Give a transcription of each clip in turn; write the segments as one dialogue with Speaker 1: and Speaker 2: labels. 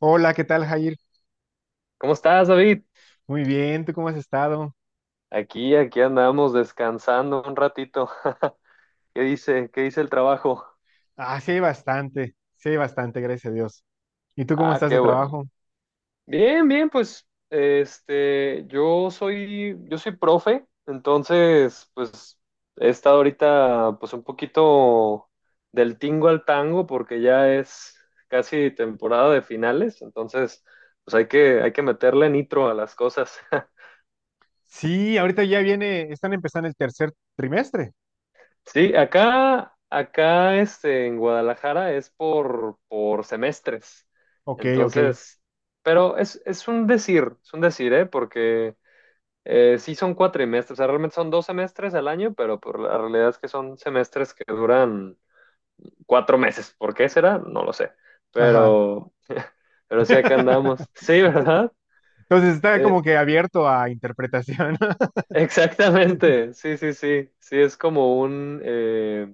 Speaker 1: Hola, ¿qué tal, Jair?
Speaker 2: ¿Cómo estás, David?
Speaker 1: Muy bien, ¿tú cómo has estado?
Speaker 2: Aquí andamos descansando un ratito. ¿Qué dice? ¿Qué dice el trabajo?
Speaker 1: Ah, sí hay bastante, gracias a Dios. ¿Y tú cómo
Speaker 2: Ah,
Speaker 1: estás
Speaker 2: qué
Speaker 1: de
Speaker 2: bueno.
Speaker 1: trabajo?
Speaker 2: Bien, bien, pues, yo soy profe, entonces, pues, he estado ahorita, pues, un poquito del tingo al tango, porque ya es casi temporada de finales, entonces, pues, hay que meterle nitro a las cosas.
Speaker 1: Sí, ahorita ya viene, están empezando el tercer trimestre.
Speaker 2: Sí, acá en Guadalajara es por semestres.
Speaker 1: Ok, ok,
Speaker 2: Entonces, pero es un decir, ¿eh? Porque sí son cuatrimestres, o sea, realmente son dos semestres al año, pero por la realidad es que son semestres que duran cuatro meses. ¿Por qué será? No lo sé.
Speaker 1: ajá.
Speaker 2: Pero, pero sí acá andamos. Sí, ¿verdad?
Speaker 1: Entonces está
Speaker 2: Eh,
Speaker 1: como que abierto a interpretación.
Speaker 2: exactamente. Sí, sí, sí. Sí, es como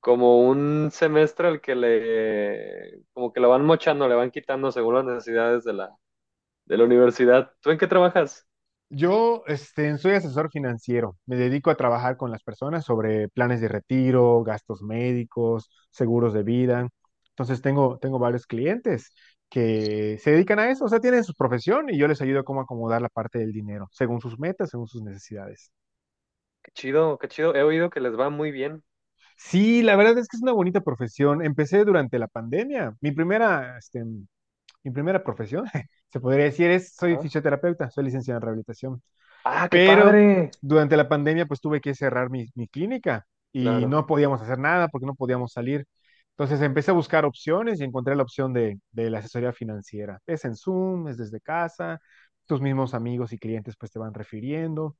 Speaker 2: como un semestre al que como que lo van mochando, le van quitando según las necesidades de de la universidad. ¿Tú en qué trabajas?
Speaker 1: Yo soy asesor financiero. Me dedico a trabajar con las personas sobre planes de retiro, gastos médicos, seguros de vida. Entonces tengo varios clientes que se dedican a eso, o sea, tienen su profesión y yo les ayudo cómo acomodar la parte del dinero, según sus metas, según sus necesidades.
Speaker 2: Qué chido, qué chido. He oído que les va muy bien.
Speaker 1: Sí, la verdad es que es una bonita profesión. Empecé durante la pandemia. Mi primera profesión, se podría decir, es soy
Speaker 2: Ajá.
Speaker 1: fisioterapeuta, soy licenciado en rehabilitación.
Speaker 2: Ah, qué
Speaker 1: Pero
Speaker 2: padre.
Speaker 1: durante la pandemia, pues tuve que cerrar mi clínica y
Speaker 2: Claro,
Speaker 1: no podíamos hacer nada porque no podíamos salir. Entonces empecé a buscar opciones y encontré la opción de la asesoría financiera. Es en Zoom, es desde casa, tus mismos amigos y clientes pues te van refiriendo.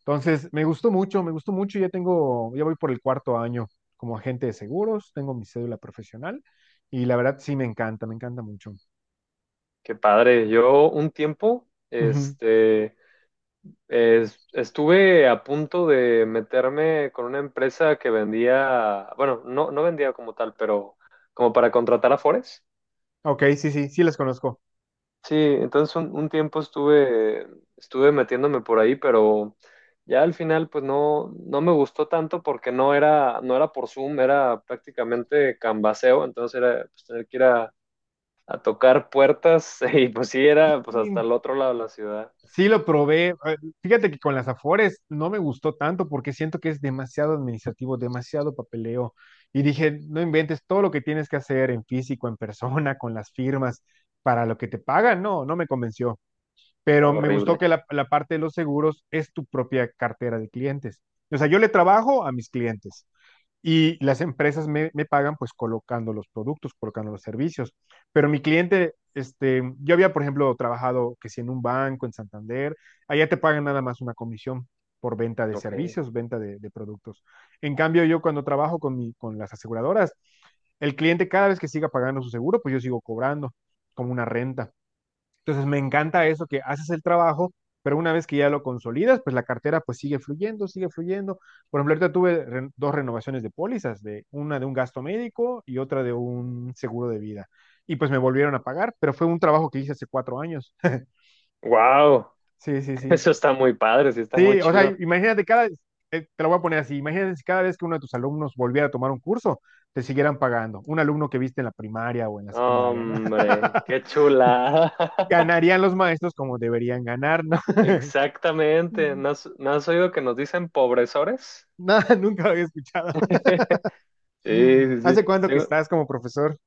Speaker 1: Entonces me gustó mucho, me gustó mucho. Ya voy por el cuarto año como agente de seguros, tengo mi cédula profesional y la verdad sí me encanta mucho.
Speaker 2: qué padre. Yo un tiempo,
Speaker 1: Ujú.
Speaker 2: estuve a punto de meterme con una empresa que vendía, bueno, no vendía como tal, pero como para contratar a Afores.
Speaker 1: Ok, sí, sí, sí las conozco.
Speaker 2: Sí, entonces un tiempo estuve, estuve metiéndome por ahí, pero ya al final pues no me gustó tanto porque no era por Zoom, era prácticamente canvaseo, entonces era pues, tener que ir a tocar puertas y pues sí era pues hasta
Speaker 1: Y
Speaker 2: el otro lado de la ciudad,
Speaker 1: sí lo probé. Fíjate que con las Afores no me gustó tanto porque siento que es demasiado administrativo, demasiado papeleo. Y dije, no inventes todo lo que tienes que hacer en físico, en persona, con las firmas, para lo que te pagan. No, no me convenció. Pero
Speaker 2: estaba
Speaker 1: me gustó
Speaker 2: horrible.
Speaker 1: que la parte de los seguros es tu propia cartera de clientes. O sea, yo le trabajo a mis clientes y las empresas pagan pues colocando los productos, colocando los servicios. Pero mi cliente, este, yo había, por ejemplo, trabajado que si en un banco, en Santander, allá te pagan nada más una comisión por venta de
Speaker 2: Ok.
Speaker 1: servicios, venta de productos. En cambio, yo cuando trabajo con las aseguradoras, el cliente cada vez que siga pagando su seguro, pues yo sigo cobrando como una renta. Entonces me encanta eso, que haces el trabajo, pero una vez que ya lo consolidas, pues la cartera pues sigue fluyendo, sigue fluyendo. Por ejemplo, ahorita tuve dos renovaciones de pólizas, de una de un gasto médico y otra de un seguro de vida. Y pues me volvieron a pagar, pero fue un trabajo que hice hace 4 años.
Speaker 2: Wow,
Speaker 1: Sí, sí, sí.
Speaker 2: eso está muy padre, sí está muy
Speaker 1: Sí, o sea,
Speaker 2: chido.
Speaker 1: imagínate cada, te lo voy a poner así, imagínate si cada vez que uno de tus alumnos volviera a tomar un curso, te siguieran pagando, un alumno que viste en la primaria o en la secundaria, ¿no?
Speaker 2: Hombre, qué chulada.
Speaker 1: Ganarían los maestros como deberían ganar, ¿no?
Speaker 2: Exactamente, ¿no has oído que nos dicen pobresores?
Speaker 1: Nada, nunca lo había escuchado.
Speaker 2: Sí, sí, sí.
Speaker 1: ¿Hace cuánto que
Speaker 2: Tengo-
Speaker 1: estás como profesor?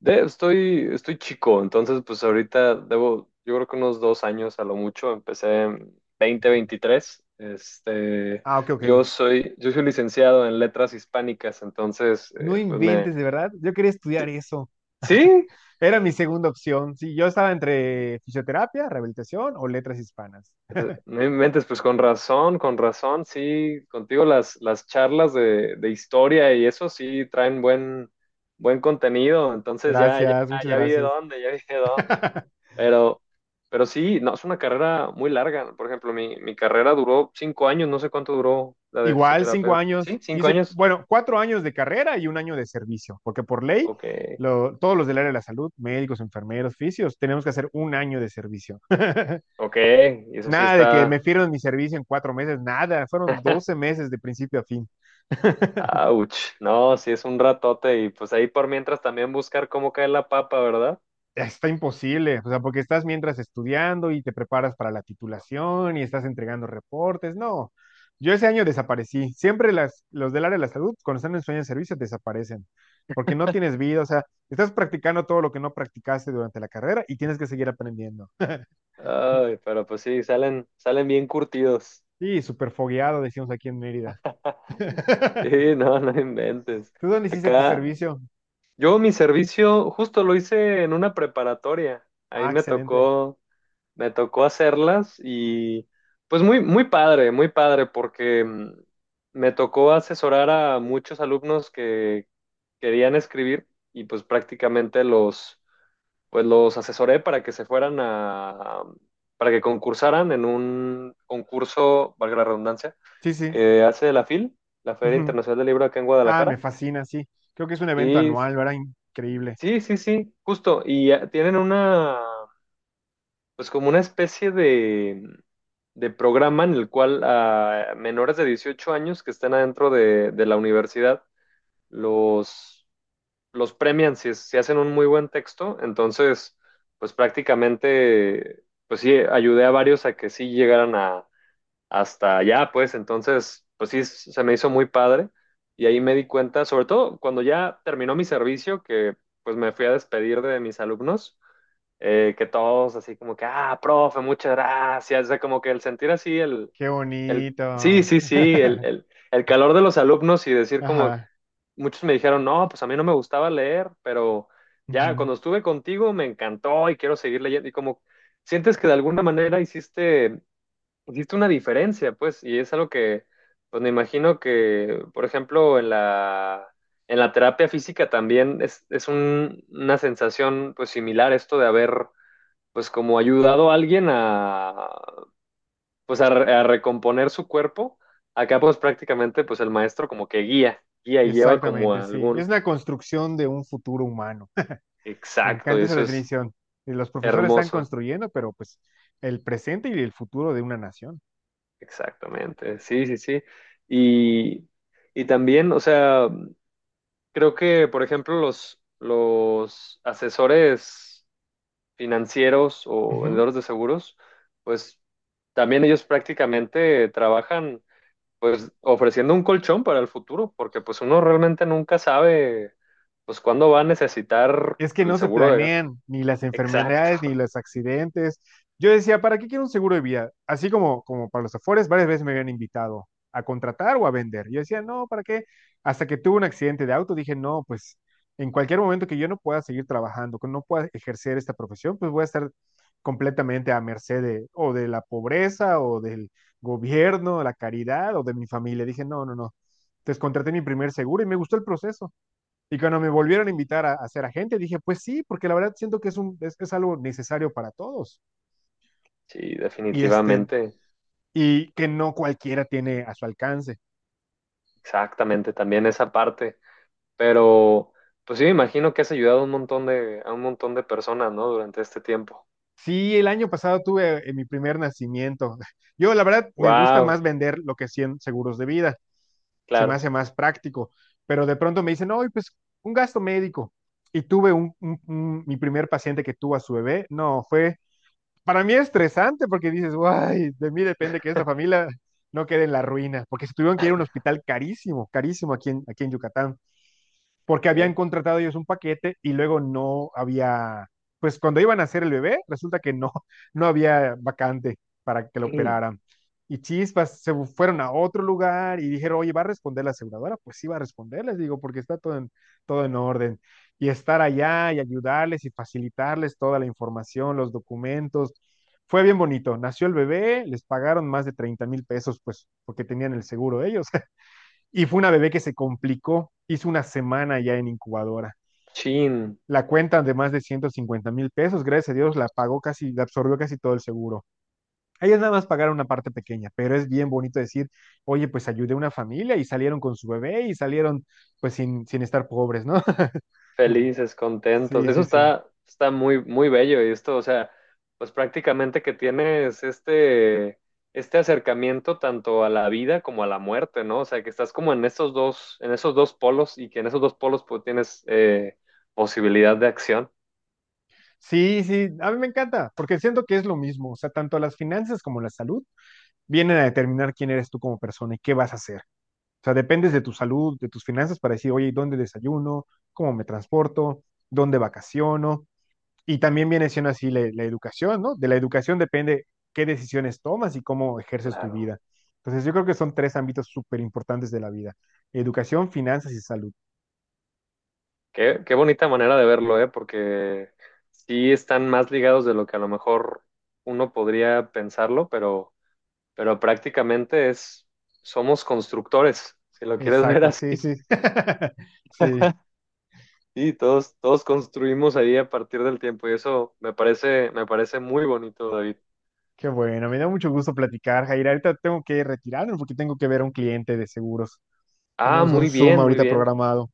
Speaker 2: estoy, estoy chico, entonces pues ahorita debo, yo creo que unos dos años a lo mucho, empecé en 2023.
Speaker 1: Ah, ok, ok.
Speaker 2: Yo soy licenciado en letras hispánicas, entonces
Speaker 1: No
Speaker 2: pues me,
Speaker 1: inventes, de verdad. Yo quería estudiar eso.
Speaker 2: sí,
Speaker 1: Era mi segunda opción. Sí, yo estaba entre fisioterapia, rehabilitación o letras hispanas.
Speaker 2: no inventes, pues con razón, sí, contigo las charlas de historia y eso sí traen buen, buen contenido, entonces ya, ya,
Speaker 1: Gracias, muchas
Speaker 2: ya vi de
Speaker 1: gracias.
Speaker 2: dónde, ya vi de dónde. Pero, pero sí, no, es una carrera muy larga. Por ejemplo, mi carrera duró cinco años, no sé cuánto duró la de
Speaker 1: Igual, cinco
Speaker 2: fisioterapeuta. ¿Sí?
Speaker 1: años.
Speaker 2: ¿Cinco
Speaker 1: Hice,
Speaker 2: años?
Speaker 1: bueno, 4 años de carrera y un año de servicio, porque por ley,
Speaker 2: Ok,
Speaker 1: todos los del área de la salud, médicos, enfermeros, fisios, tenemos que hacer un año de servicio.
Speaker 2: ok, y eso sí
Speaker 1: Nada de que me
Speaker 2: está...
Speaker 1: firmen mi servicio en 4 meses, nada. Fueron 12 meses de principio a fin.
Speaker 2: Ouch, no, sí es un ratote y pues ahí por mientras también buscar cómo cae la papa, ¿verdad?
Speaker 1: Está imposible, o sea, porque estás mientras estudiando y te preparas para la titulación y estás entregando reportes. No, yo ese año desaparecí. Siempre los del área de la salud, cuando están en sueño de servicio, desaparecen, porque no tienes vida, o sea, estás practicando todo lo que no practicaste durante la carrera y tienes que seguir aprendiendo.
Speaker 2: Ay, pero pues sí, salen, salen bien curtidos.
Speaker 1: Sí, súper fogueado, decimos aquí en Mérida.
Speaker 2: Sí, no, no inventes.
Speaker 1: ¿Tú dónde hiciste tu
Speaker 2: Acá,
Speaker 1: servicio?
Speaker 2: yo mi servicio justo lo hice en una preparatoria. Ahí
Speaker 1: Ah, excelente.
Speaker 2: me tocó hacerlas y pues muy, muy padre, porque me tocó asesorar a muchos alumnos que querían escribir y pues prácticamente pues los asesoré para que se fueran para que concursaran en un concurso, valga la redundancia,
Speaker 1: Sí, sí.
Speaker 2: que hace la FIL, la Feria
Speaker 1: Ujú.
Speaker 2: Internacional del Libro acá en
Speaker 1: Ah, me
Speaker 2: Guadalajara.
Speaker 1: fascina, sí. Creo que es un evento
Speaker 2: Sí,
Speaker 1: anual, ¿verdad? Increíble.
Speaker 2: sí, sí, sí, justo. Y tienen una, pues como una especie de programa en el cual a menores de 18 años que estén adentro de la universidad los, los premian si, si hacen un muy buen texto. Entonces, pues prácticamente, pues sí, ayudé a varios a que sí llegaran a, hasta allá, pues entonces, pues sí, se me hizo muy padre. Y ahí me di cuenta, sobre todo cuando ya terminó mi servicio, que pues me fui a despedir de mis alumnos, que todos así como que, ah, profe, muchas gracias. O sea, como que el sentir así
Speaker 1: Qué bonito.
Speaker 2: sí, sí, sí, el calor de los alumnos y decir como
Speaker 1: Ajá,
Speaker 2: muchos me dijeron, no, pues a mí no me gustaba leer, pero ya
Speaker 1: ujú.
Speaker 2: cuando estuve contigo me encantó y quiero seguir leyendo y como sientes que de alguna manera hiciste, hiciste una diferencia, pues, y es algo que, pues me imagino que, por ejemplo, en en la terapia física también una sensación pues similar esto de haber pues como ayudado a alguien pues a, a recomponer su cuerpo. Acá pues prácticamente pues el maestro como que guía, guía y lleva como
Speaker 1: Exactamente,
Speaker 2: a
Speaker 1: sí. Es
Speaker 2: algún
Speaker 1: una construcción de un futuro humano. Me
Speaker 2: exacto, y
Speaker 1: encanta esa
Speaker 2: eso es
Speaker 1: definición. Y los profesores están
Speaker 2: hermoso,
Speaker 1: construyendo, pero pues el presente y el futuro de una nación.
Speaker 2: exactamente, sí, sí, sí. Y, y también, o sea, creo que por ejemplo los asesores financieros o vendedores de seguros, pues también ellos prácticamente trabajan pues ofreciendo un colchón para el futuro, porque pues uno realmente nunca sabe pues cuándo va a necesitar
Speaker 1: Es que
Speaker 2: el
Speaker 1: no se
Speaker 2: seguro de gasto.
Speaker 1: planean ni las
Speaker 2: Exacto,
Speaker 1: enfermedades ni los accidentes. Yo decía, ¿para qué quiero un seguro de vida? Así como, como para los Afores, varias veces me habían invitado a contratar o a vender. Yo decía, no, ¿para qué? Hasta que tuve un accidente de auto, dije, no, pues en cualquier momento que yo no pueda seguir trabajando, que no pueda ejercer esta profesión, pues voy a estar completamente a merced de, o de la pobreza o del gobierno, la caridad o de mi familia. Dije, no, no, no. Entonces contraté mi primer seguro y me gustó el proceso. Y cuando me volvieron a invitar a ser agente, dije, pues sí, porque la verdad siento que es algo necesario para todos
Speaker 2: sí,
Speaker 1: y, este,
Speaker 2: definitivamente,
Speaker 1: y que no cualquiera tiene a su alcance.
Speaker 2: exactamente, también esa parte, pero pues sí, me imagino que has ayudado a un montón de, a un montón de personas, ¿no? Durante este tiempo.
Speaker 1: Sí, el año pasado tuve mi primer nacimiento. Yo, la verdad, me gusta más
Speaker 2: Wow,
Speaker 1: vender lo que 100 seguros de vida. Se me hace
Speaker 2: claro.
Speaker 1: más práctico. Pero de pronto me dicen, no, pues un gasto médico. Y tuve mi primer paciente que tuvo a su bebé. No, fue para mí es estresante porque dices, guay, de mí depende que esta familia no quede en la ruina, porque se tuvieron que ir a un hospital carísimo, carísimo aquí en Yucatán porque habían
Speaker 2: Ok.
Speaker 1: contratado ellos un paquete y luego no había, pues cuando iban a hacer el bebé, resulta que no, no había vacante para que lo
Speaker 2: Mm,
Speaker 1: operaran. Y chispas, se fueron a otro lugar y dijeron, oye, ¿va a responder la aseguradora? Pues sí, va a responder, les digo, porque está todo en orden. Y estar allá y ayudarles y facilitarles toda la información, los documentos. Fue bien bonito. Nació el bebé, les pagaron más de 30,000 pesos, pues porque tenían el seguro ellos. Y fue una bebé que se complicó, hizo una semana ya en incubadora.
Speaker 2: chin,
Speaker 1: La cuenta de más de 150,000 pesos, gracias a Dios, la pagó casi, la absorbió casi todo el seguro. Ellas nada más pagaron una parte pequeña, pero es bien bonito decir, oye, pues ayudé a una familia y salieron con su bebé y salieron pues sin, sin estar pobres, ¿no?
Speaker 2: felices, contentos.
Speaker 1: Sí,
Speaker 2: Eso
Speaker 1: sí, sí.
Speaker 2: está, está muy, muy bello. Y esto, o sea, pues prácticamente que tienes este acercamiento tanto a la vida como a la muerte, ¿no? O sea, que estás como en esos dos polos y que en esos dos polos pues tienes posibilidad de acción.
Speaker 1: Sí, sí, a mí me encanta, porque siento que es lo mismo, o sea, tanto las finanzas como la salud vienen a determinar quién eres tú como persona y qué vas a hacer. O sea, dependes de tu salud, de tus finanzas para decir, oye, ¿dónde desayuno? ¿Cómo me transporto? ¿Dónde vacaciono? Y también viene siendo así la educación, ¿no? De la educación depende qué decisiones tomas y cómo ejerces tu
Speaker 2: Claro.
Speaker 1: vida. Entonces, yo creo que son tres ámbitos súper importantes de la vida. Educación, finanzas y salud.
Speaker 2: Qué, qué bonita manera de verlo, ¿eh? Porque sí están más ligados de lo que a lo mejor uno podría pensarlo, pero prácticamente es, somos constructores, si lo quieres ver
Speaker 1: Exacto,
Speaker 2: así.
Speaker 1: sí, sí. Sí,
Speaker 2: Sí, todos, todos construimos ahí a partir del tiempo y eso me parece muy bonito, David.
Speaker 1: qué bueno. Me da mucho gusto platicar, Jair. Ahorita tengo que retirarme porque tengo que ver a un cliente de seguros.
Speaker 2: Ah,
Speaker 1: Tenemos un
Speaker 2: muy
Speaker 1: Zoom
Speaker 2: bien, muy
Speaker 1: ahorita
Speaker 2: bien.
Speaker 1: programado.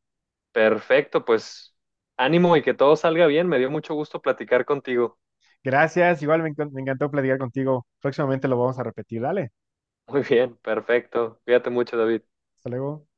Speaker 2: Perfecto, pues ánimo y que todo salga bien. Me dio mucho gusto platicar contigo.
Speaker 1: Gracias, igual me encantó platicar contigo. Próximamente lo vamos a repetir. Dale,
Speaker 2: Muy bien, perfecto. Cuídate mucho, David.
Speaker 1: hasta luego.